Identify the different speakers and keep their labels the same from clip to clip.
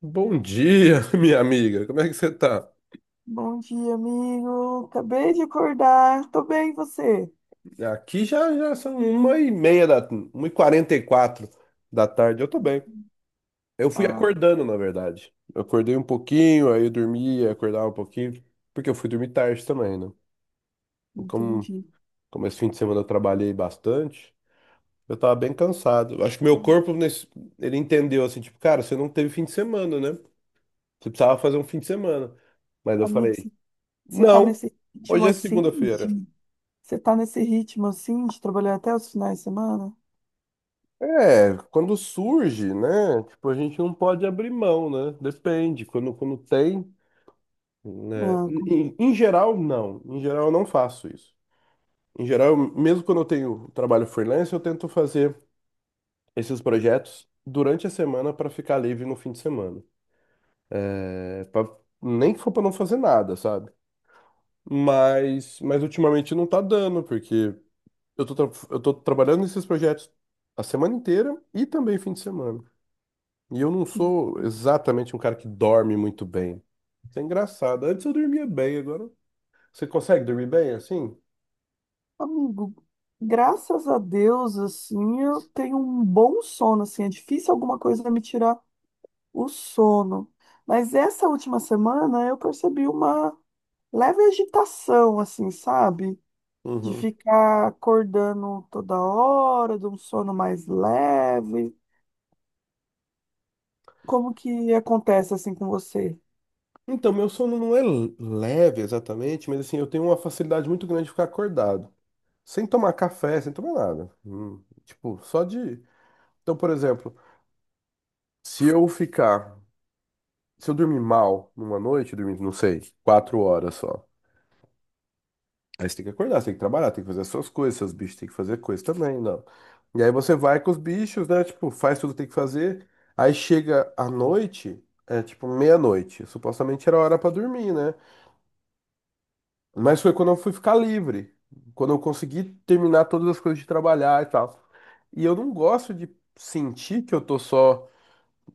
Speaker 1: Bom dia, minha amiga. Como é que você tá?
Speaker 2: Bom dia, amigo. Acabei de acordar. Tô bem, e você?
Speaker 1: Aqui já, já são 1h44 da tarde. Eu tô bem. Eu fui
Speaker 2: Ah,
Speaker 1: acordando, na verdade. Eu acordei um pouquinho, aí eu dormi, aí acordava um pouquinho, porque eu fui dormir tarde também, né? Como,
Speaker 2: entendi.
Speaker 1: como esse fim de semana eu trabalhei bastante, eu tava bem cansado. Eu acho que meu corpo, nesse, ele entendeu assim, tipo, cara, você não teve fim de semana, né? Você precisava fazer um fim de semana. Mas eu
Speaker 2: Amigo,
Speaker 1: falei,
Speaker 2: você tá
Speaker 1: não,
Speaker 2: nesse ritmo
Speaker 1: hoje é
Speaker 2: assim
Speaker 1: segunda-feira.
Speaker 2: de... Você tá nesse ritmo assim de trabalhar até os finais de semana?
Speaker 1: É, quando surge, né? Tipo, a gente não pode abrir mão, né? Depende. Quando tem, né?
Speaker 2: Ah,
Speaker 1: Em geral, não. Em geral, eu não faço isso. Em geral, mesmo quando eu tenho trabalho freelance, eu tento fazer esses projetos durante a semana para ficar livre no fim de semana. É, pra- Nem que for para não fazer nada, sabe? Mas ultimamente não tá dando, porque eu tô trabalhando nesses projetos a semana inteira e também fim de semana. E eu não sou exatamente um cara que dorme muito bem. Isso é engraçado. Antes eu dormia bem, agora. Você consegue dormir bem assim?
Speaker 2: amigo, graças a Deus, assim, eu tenho um bom sono, assim. É difícil alguma coisa me tirar o sono. Mas essa última semana eu percebi uma leve agitação, assim, sabe? De
Speaker 1: Uhum.
Speaker 2: ficar acordando toda hora, de um sono mais leve. Como que acontece assim com você?
Speaker 1: Então, meu sono não é leve exatamente, mas assim, eu tenho uma facilidade muito grande de ficar acordado. Sem tomar café, sem tomar nada. Tipo, só de. Então, por exemplo, se eu ficar. Se eu dormir mal numa noite, eu dormir, não sei, 4 horas só. Aí você tem que acordar, você tem que trabalhar, tem que fazer as suas coisas, seus bichos têm que fazer coisa também, não. E aí você vai com os bichos, né? Tipo, faz tudo que tem que fazer. Aí chega à noite, é tipo meia-noite. Supostamente era hora pra dormir, né? Mas foi quando eu fui ficar livre. Quando eu consegui terminar todas as coisas de trabalhar e tal. E eu não gosto de sentir que eu tô só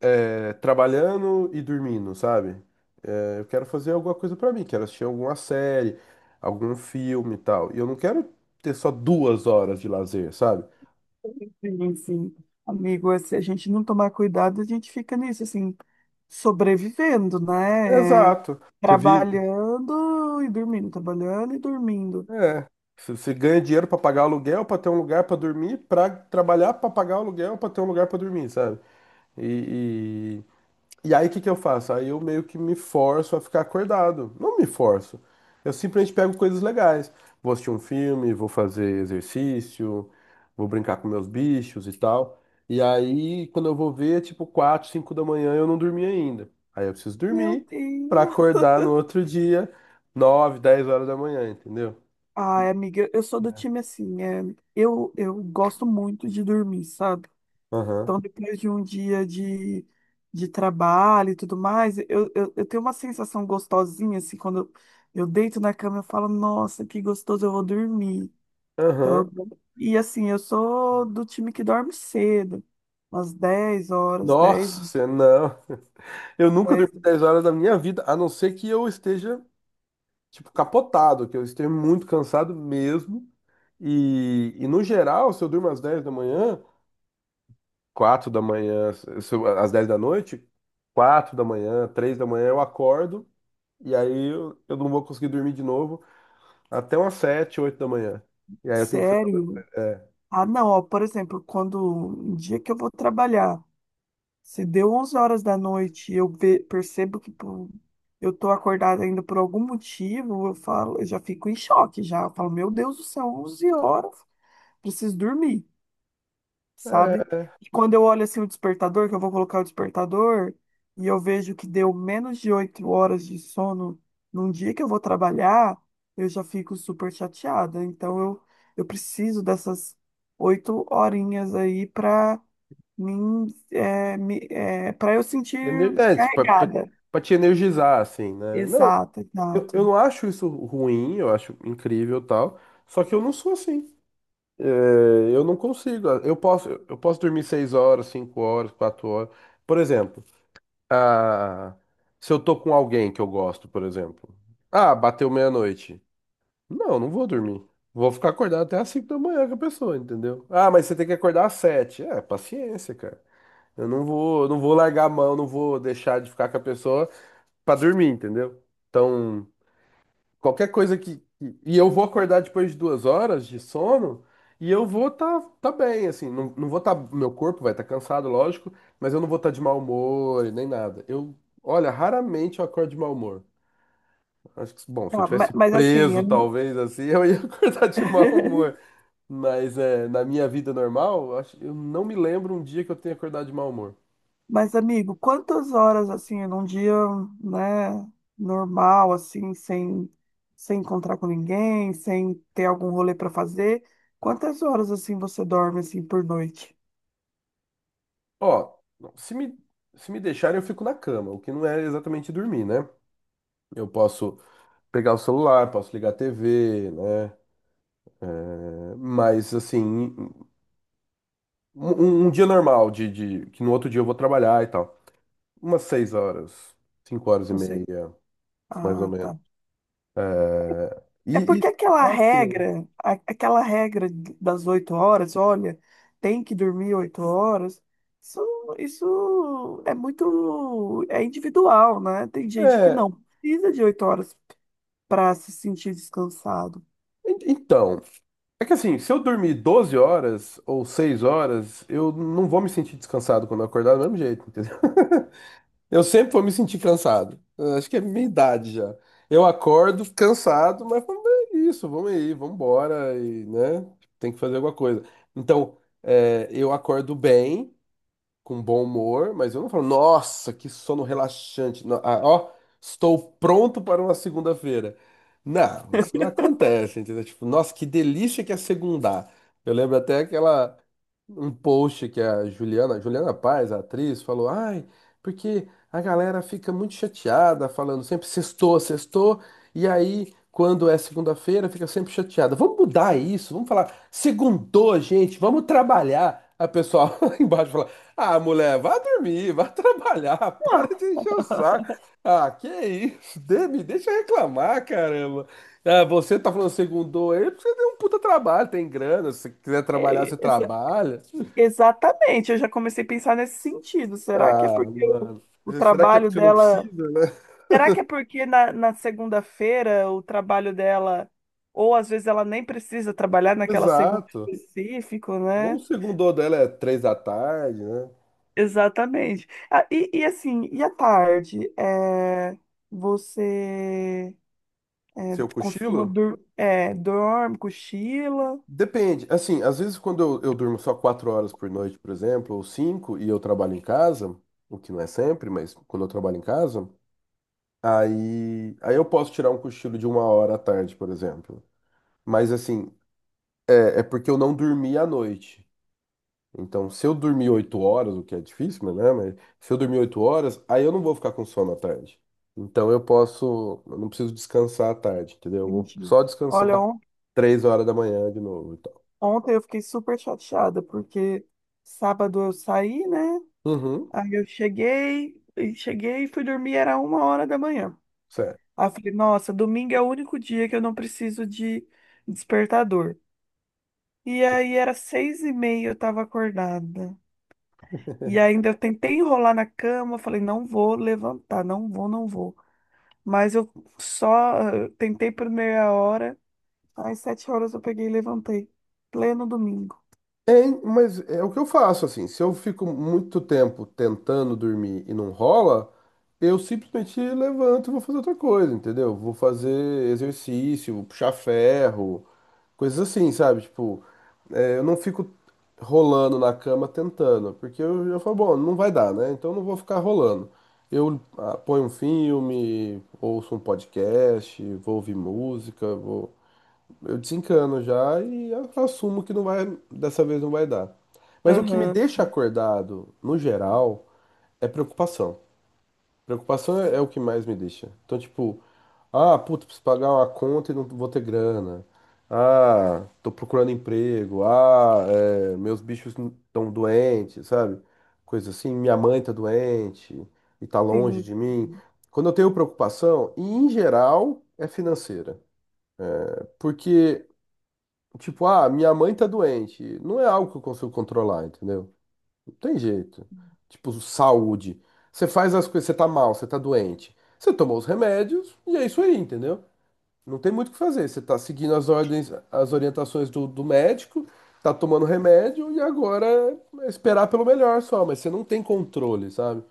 Speaker 1: trabalhando e dormindo, sabe? É, eu quero fazer alguma coisa pra mim, quero assistir alguma série, algum filme e tal. E eu não quero ter só 2 horas de lazer, sabe?
Speaker 2: Sim, sim. Amigo, se a gente não tomar cuidado, a gente fica nisso, assim, sobrevivendo, né? É,
Speaker 1: Exato. Você vive.
Speaker 2: trabalhando e dormindo, trabalhando e dormindo.
Speaker 1: É. Você ganha dinheiro pra pagar aluguel, pra ter um lugar pra dormir, pra trabalhar, pra pagar aluguel, pra ter um lugar pra dormir, sabe? E, E aí, o que que eu faço? Aí eu meio que me forço a ficar acordado. Não me forço. Eu simplesmente pego coisas legais. Vou assistir um filme, vou fazer exercício, vou brincar com meus bichos e tal. E aí, quando eu vou ver, é tipo 4 5 da manhã, eu não dormi ainda. Aí eu preciso
Speaker 2: Meu
Speaker 1: dormir pra
Speaker 2: Deus.
Speaker 1: acordar no outro dia, 9 10 horas da manhã, entendeu? E-
Speaker 2: Ai, amiga, eu sou do time assim, é, eu gosto muito de dormir, sabe?
Speaker 1: Aham.
Speaker 2: Então, depois de um dia de trabalho e tudo mais, eu tenho uma sensação gostosinha, assim, quando eu deito na cama, eu falo, nossa, que gostoso, eu vou dormir.
Speaker 1: Aham.
Speaker 2: Então, e assim, eu sou do time que dorme cedo, umas 10 horas, dez
Speaker 1: Nossa, não. Eu nunca
Speaker 2: dez
Speaker 1: dormi 10 horas da minha vida, a não ser que eu esteja tipo, capotado, que eu esteja muito cansado mesmo. E no geral, se eu durmo às 10 da manhã, 4 da manhã, se eu- às 10 da noite, 4 da manhã, 3 da manhã eu acordo e aí eu não vou conseguir dormir de novo até umas 7 8 da manhã. E aí eu tenho que fazer alguma
Speaker 2: Sério.
Speaker 1: coisa.
Speaker 2: Ah, não, ó, por exemplo, quando um dia que eu vou trabalhar, se deu 11 horas da noite e eu percebo que pô, eu tô acordada ainda por algum motivo, eu falo, eu já fico em choque já. Eu falo, meu Deus do céu, 11 horas, preciso dormir, sabe?
Speaker 1: É,
Speaker 2: E quando eu olho assim o despertador, que eu vou colocar o despertador, e eu vejo que deu menos de 8 horas de sono num dia que eu vou trabalhar, eu já fico super chateada. Então eu preciso dessas oito horinhas aí para mim, é, me, é, para eu sentir
Speaker 1: ener- é pra, pra-
Speaker 2: carregada.
Speaker 1: Pra te energizar, assim, né? Não,
Speaker 2: Exato,
Speaker 1: eu,
Speaker 2: exato.
Speaker 1: eu não acho isso ruim, eu acho incrível e tal, só que eu não sou assim. É, eu não consigo. Eu posso dormir seis horas, cinco horas, quatro horas. Por exemplo, ah, se eu tô com alguém que eu gosto, por exemplo. Ah, bateu meia-noite. Não, não vou dormir. Vou ficar acordado até às cinco da manhã com a pessoa, entendeu? Ah, mas você tem que acordar às sete. É, paciência, cara. Eu não vou largar a mão, não vou deixar de ficar com a pessoa pra dormir, entendeu? Então, qualquer coisa E eu vou acordar depois de 2 horas de sono e eu vou tá bem, assim. Não, não vou tá. Meu corpo vai estar tá cansado, lógico, mas eu não vou estar tá de mau humor e nem nada. Eu, olha, raramente eu acordo de mau humor. Acho que, bom, se eu
Speaker 2: Tá,
Speaker 1: tivesse
Speaker 2: mas, assim,
Speaker 1: preso,
Speaker 2: é-
Speaker 1: talvez, assim, eu ia acordar de mau humor. Mas é, na minha vida normal, eu acho, eu não me lembro um dia que eu tenha acordado de mau humor.
Speaker 2: Mas, amigo, quantas horas assim num dia, né, normal assim, sem encontrar com ninguém, sem ter algum rolê para fazer, quantas horas assim você dorme assim por noite?
Speaker 1: Ó, se me, se me deixarem, eu fico na cama, o que não é exatamente dormir, né? Eu posso pegar o celular, posso ligar a TV, né? É, mas assim, um dia normal que no outro dia eu vou trabalhar e tal. Umas 6 horas, cinco horas e
Speaker 2: Você
Speaker 1: meia, mais ou
Speaker 2: ah,
Speaker 1: menos.
Speaker 2: tá.
Speaker 1: É,
Speaker 2: É
Speaker 1: e,
Speaker 2: porque
Speaker 1: e
Speaker 2: aquela
Speaker 1: tá ok.
Speaker 2: regra, aquela regra das 8 horas, olha, tem que dormir 8 horas. Isso, isso é muito, é individual, né? Tem gente que
Speaker 1: É,
Speaker 2: não precisa de 8 horas para se sentir descansado.
Speaker 1: então, é que assim, se eu dormir 12 horas ou 6 horas, eu não vou me sentir descansado quando eu acordar do mesmo jeito, entendeu? Eu sempre vou me sentir cansado. Eu acho que é minha idade já. Eu acordo cansado, mas vamos ver isso, vamos aí, vamos embora e, né? Tem que fazer alguma coisa. Então, é, eu acordo bem com bom humor, mas eu não falo, nossa, que sono relaxante. Não, ah, ó, estou pronto para uma segunda-feira. Não, isso não acontece, entendeu? Tipo, nossa, que delícia que é segundar. Eu lembro até aquela um post que a Juliana Paz, a atriz, falou: "Ai, porque a galera fica muito chateada falando sempre sextou, sextou, e aí quando é segunda-feira fica sempre chateada. Vamos mudar isso, vamos falar segundou, gente, vamos trabalhar." A pessoa lá embaixo fala: ah, mulher, vá dormir, vá trabalhar, para de encher o saco. Ah, que isso? Me deixa reclamar, caramba. Ah, você tá falando segundou aí, porque você tem um puta trabalho, tem grana. Se você quiser trabalhar, você
Speaker 2: É,
Speaker 1: trabalha.
Speaker 2: exatamente, eu já comecei a pensar nesse sentido. Será que é
Speaker 1: Ah,
Speaker 2: porque
Speaker 1: mano.
Speaker 2: o
Speaker 1: Será que é
Speaker 2: trabalho
Speaker 1: porque você não
Speaker 2: dela.
Speaker 1: precisa, né?
Speaker 2: Será que é porque na segunda-feira o trabalho dela, ou às vezes ela nem precisa trabalhar naquela segunda
Speaker 1: Exato.
Speaker 2: específico,
Speaker 1: Ou o
Speaker 2: né?
Speaker 1: segundou dela é três da tarde, né?
Speaker 2: Exatamente. Ah, e assim, e à tarde? É, você é,
Speaker 1: Seu
Speaker 2: costuma
Speaker 1: cochilo?
Speaker 2: dur é, dorme, cochila?
Speaker 1: Depende. Assim, às vezes quando eu durmo só 4 horas por noite, por exemplo, ou cinco, e eu trabalho em casa, o que não é sempre, mas quando eu trabalho em casa. Aí eu posso tirar um cochilo de uma hora à tarde, por exemplo. Mas assim, é porque eu não dormi à noite. Então, se eu dormir 8 horas, o que é difícil, né? Mas se eu dormir 8 horas, aí eu não vou ficar com sono à tarde. Então eu posso, eu não preciso descansar à tarde, entendeu? Eu vou
Speaker 2: Entendi.
Speaker 1: só descansar
Speaker 2: Olha,
Speaker 1: três horas da manhã de novo e tal.
Speaker 2: ontem eu fiquei super chateada, porque sábado eu saí, né?
Speaker 1: Uhum,
Speaker 2: Aí eu cheguei, e cheguei e fui dormir, era 1 hora da manhã.
Speaker 1: certo.
Speaker 2: Aí eu falei, nossa, domingo é o único dia que eu não preciso de despertador. E aí era 6:30, eu tava acordada. E ainda eu tentei enrolar na cama, falei, não vou levantar, não vou, não vou. Mas eu só tentei por meia hora, às 7 horas eu peguei e levantei. Pleno domingo.
Speaker 1: É, mas é o que eu faço, assim. Se eu fico muito tempo tentando dormir e não rola, eu simplesmente levanto e vou fazer outra coisa, entendeu? Vou fazer exercício, vou puxar ferro, coisas assim, sabe? Tipo, é, eu não fico rolando na cama tentando, porque eu já falo, bom, não vai dar, né? Então eu não vou ficar rolando. Ponho um filme, ouço um podcast, vou ouvir música, vou eu desencano já e assumo que não vai, dessa vez não vai dar. Mas o que me
Speaker 2: Aham.
Speaker 1: deixa acordado, no geral, é preocupação. Preocupação é o que mais me deixa. Então, tipo, ah, puta, preciso pagar uma conta e não vou ter grana. Ah, tô procurando emprego. Ah, é, meus bichos estão doentes, sabe? Coisa assim, minha mãe tá doente e tá longe
Speaker 2: Sim,
Speaker 1: de mim. Quando eu tenho preocupação, e em geral é financeira. Porque tipo, ah, minha mãe tá doente. Não é algo que eu consigo controlar, entendeu? Não tem jeito. Tipo, saúde. Você faz as coisas, você tá mal, você tá doente. Você tomou os remédios e é isso aí, entendeu? Não tem muito o que fazer. Você está seguindo as ordens, as orientações do médico, tá tomando remédio e agora é esperar pelo melhor só, mas você não tem controle, sabe?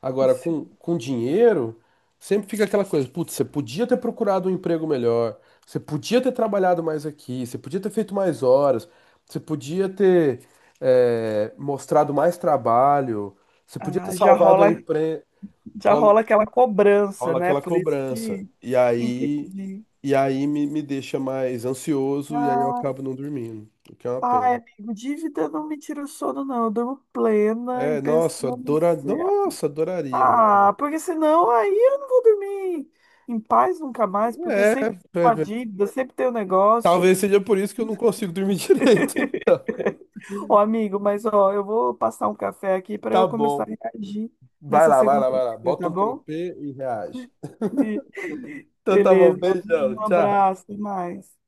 Speaker 1: Agora,
Speaker 2: isso.
Speaker 1: com dinheiro, sempre fica aquela coisa, putz, você podia ter procurado um emprego melhor, você podia ter trabalhado mais aqui, você podia ter feito mais horas, você podia ter mostrado mais trabalho, você podia ter
Speaker 2: Ah,
Speaker 1: salvado a empresa.
Speaker 2: já rola aquela cobrança,
Speaker 1: Rola
Speaker 2: né?
Speaker 1: aquela
Speaker 2: Por isso
Speaker 1: cobrança.
Speaker 2: que entendi.
Speaker 1: E aí me deixa mais ansioso e aí eu
Speaker 2: Ah,
Speaker 1: acabo não dormindo, o que é uma pena.
Speaker 2: ai, amigo, dívida não me tira o sono, não. Eu durmo plena e pensando assim,
Speaker 1: Nossa, adoraria, mas
Speaker 2: ah, porque senão aí eu não vou dormir em paz nunca mais, porque
Speaker 1: é,
Speaker 2: sempre tem
Speaker 1: é,
Speaker 2: uma
Speaker 1: é,
Speaker 2: dívida, sempre tem um negócio.
Speaker 1: talvez seja por isso que eu não consigo dormir direito, então.
Speaker 2: Ô, amigo, mas ó, eu vou passar um café aqui para
Speaker 1: Tá
Speaker 2: eu começar a
Speaker 1: bom.
Speaker 2: reagir
Speaker 1: Vai
Speaker 2: nessa
Speaker 1: lá, vai lá, vai
Speaker 2: segunda-feira,
Speaker 1: lá. Bota
Speaker 2: tá
Speaker 1: um
Speaker 2: bom?
Speaker 1: cropê e reage. Então tá bom,
Speaker 2: Beleza.
Speaker 1: beijão,
Speaker 2: Um
Speaker 1: tchau.
Speaker 2: abraço, até mais.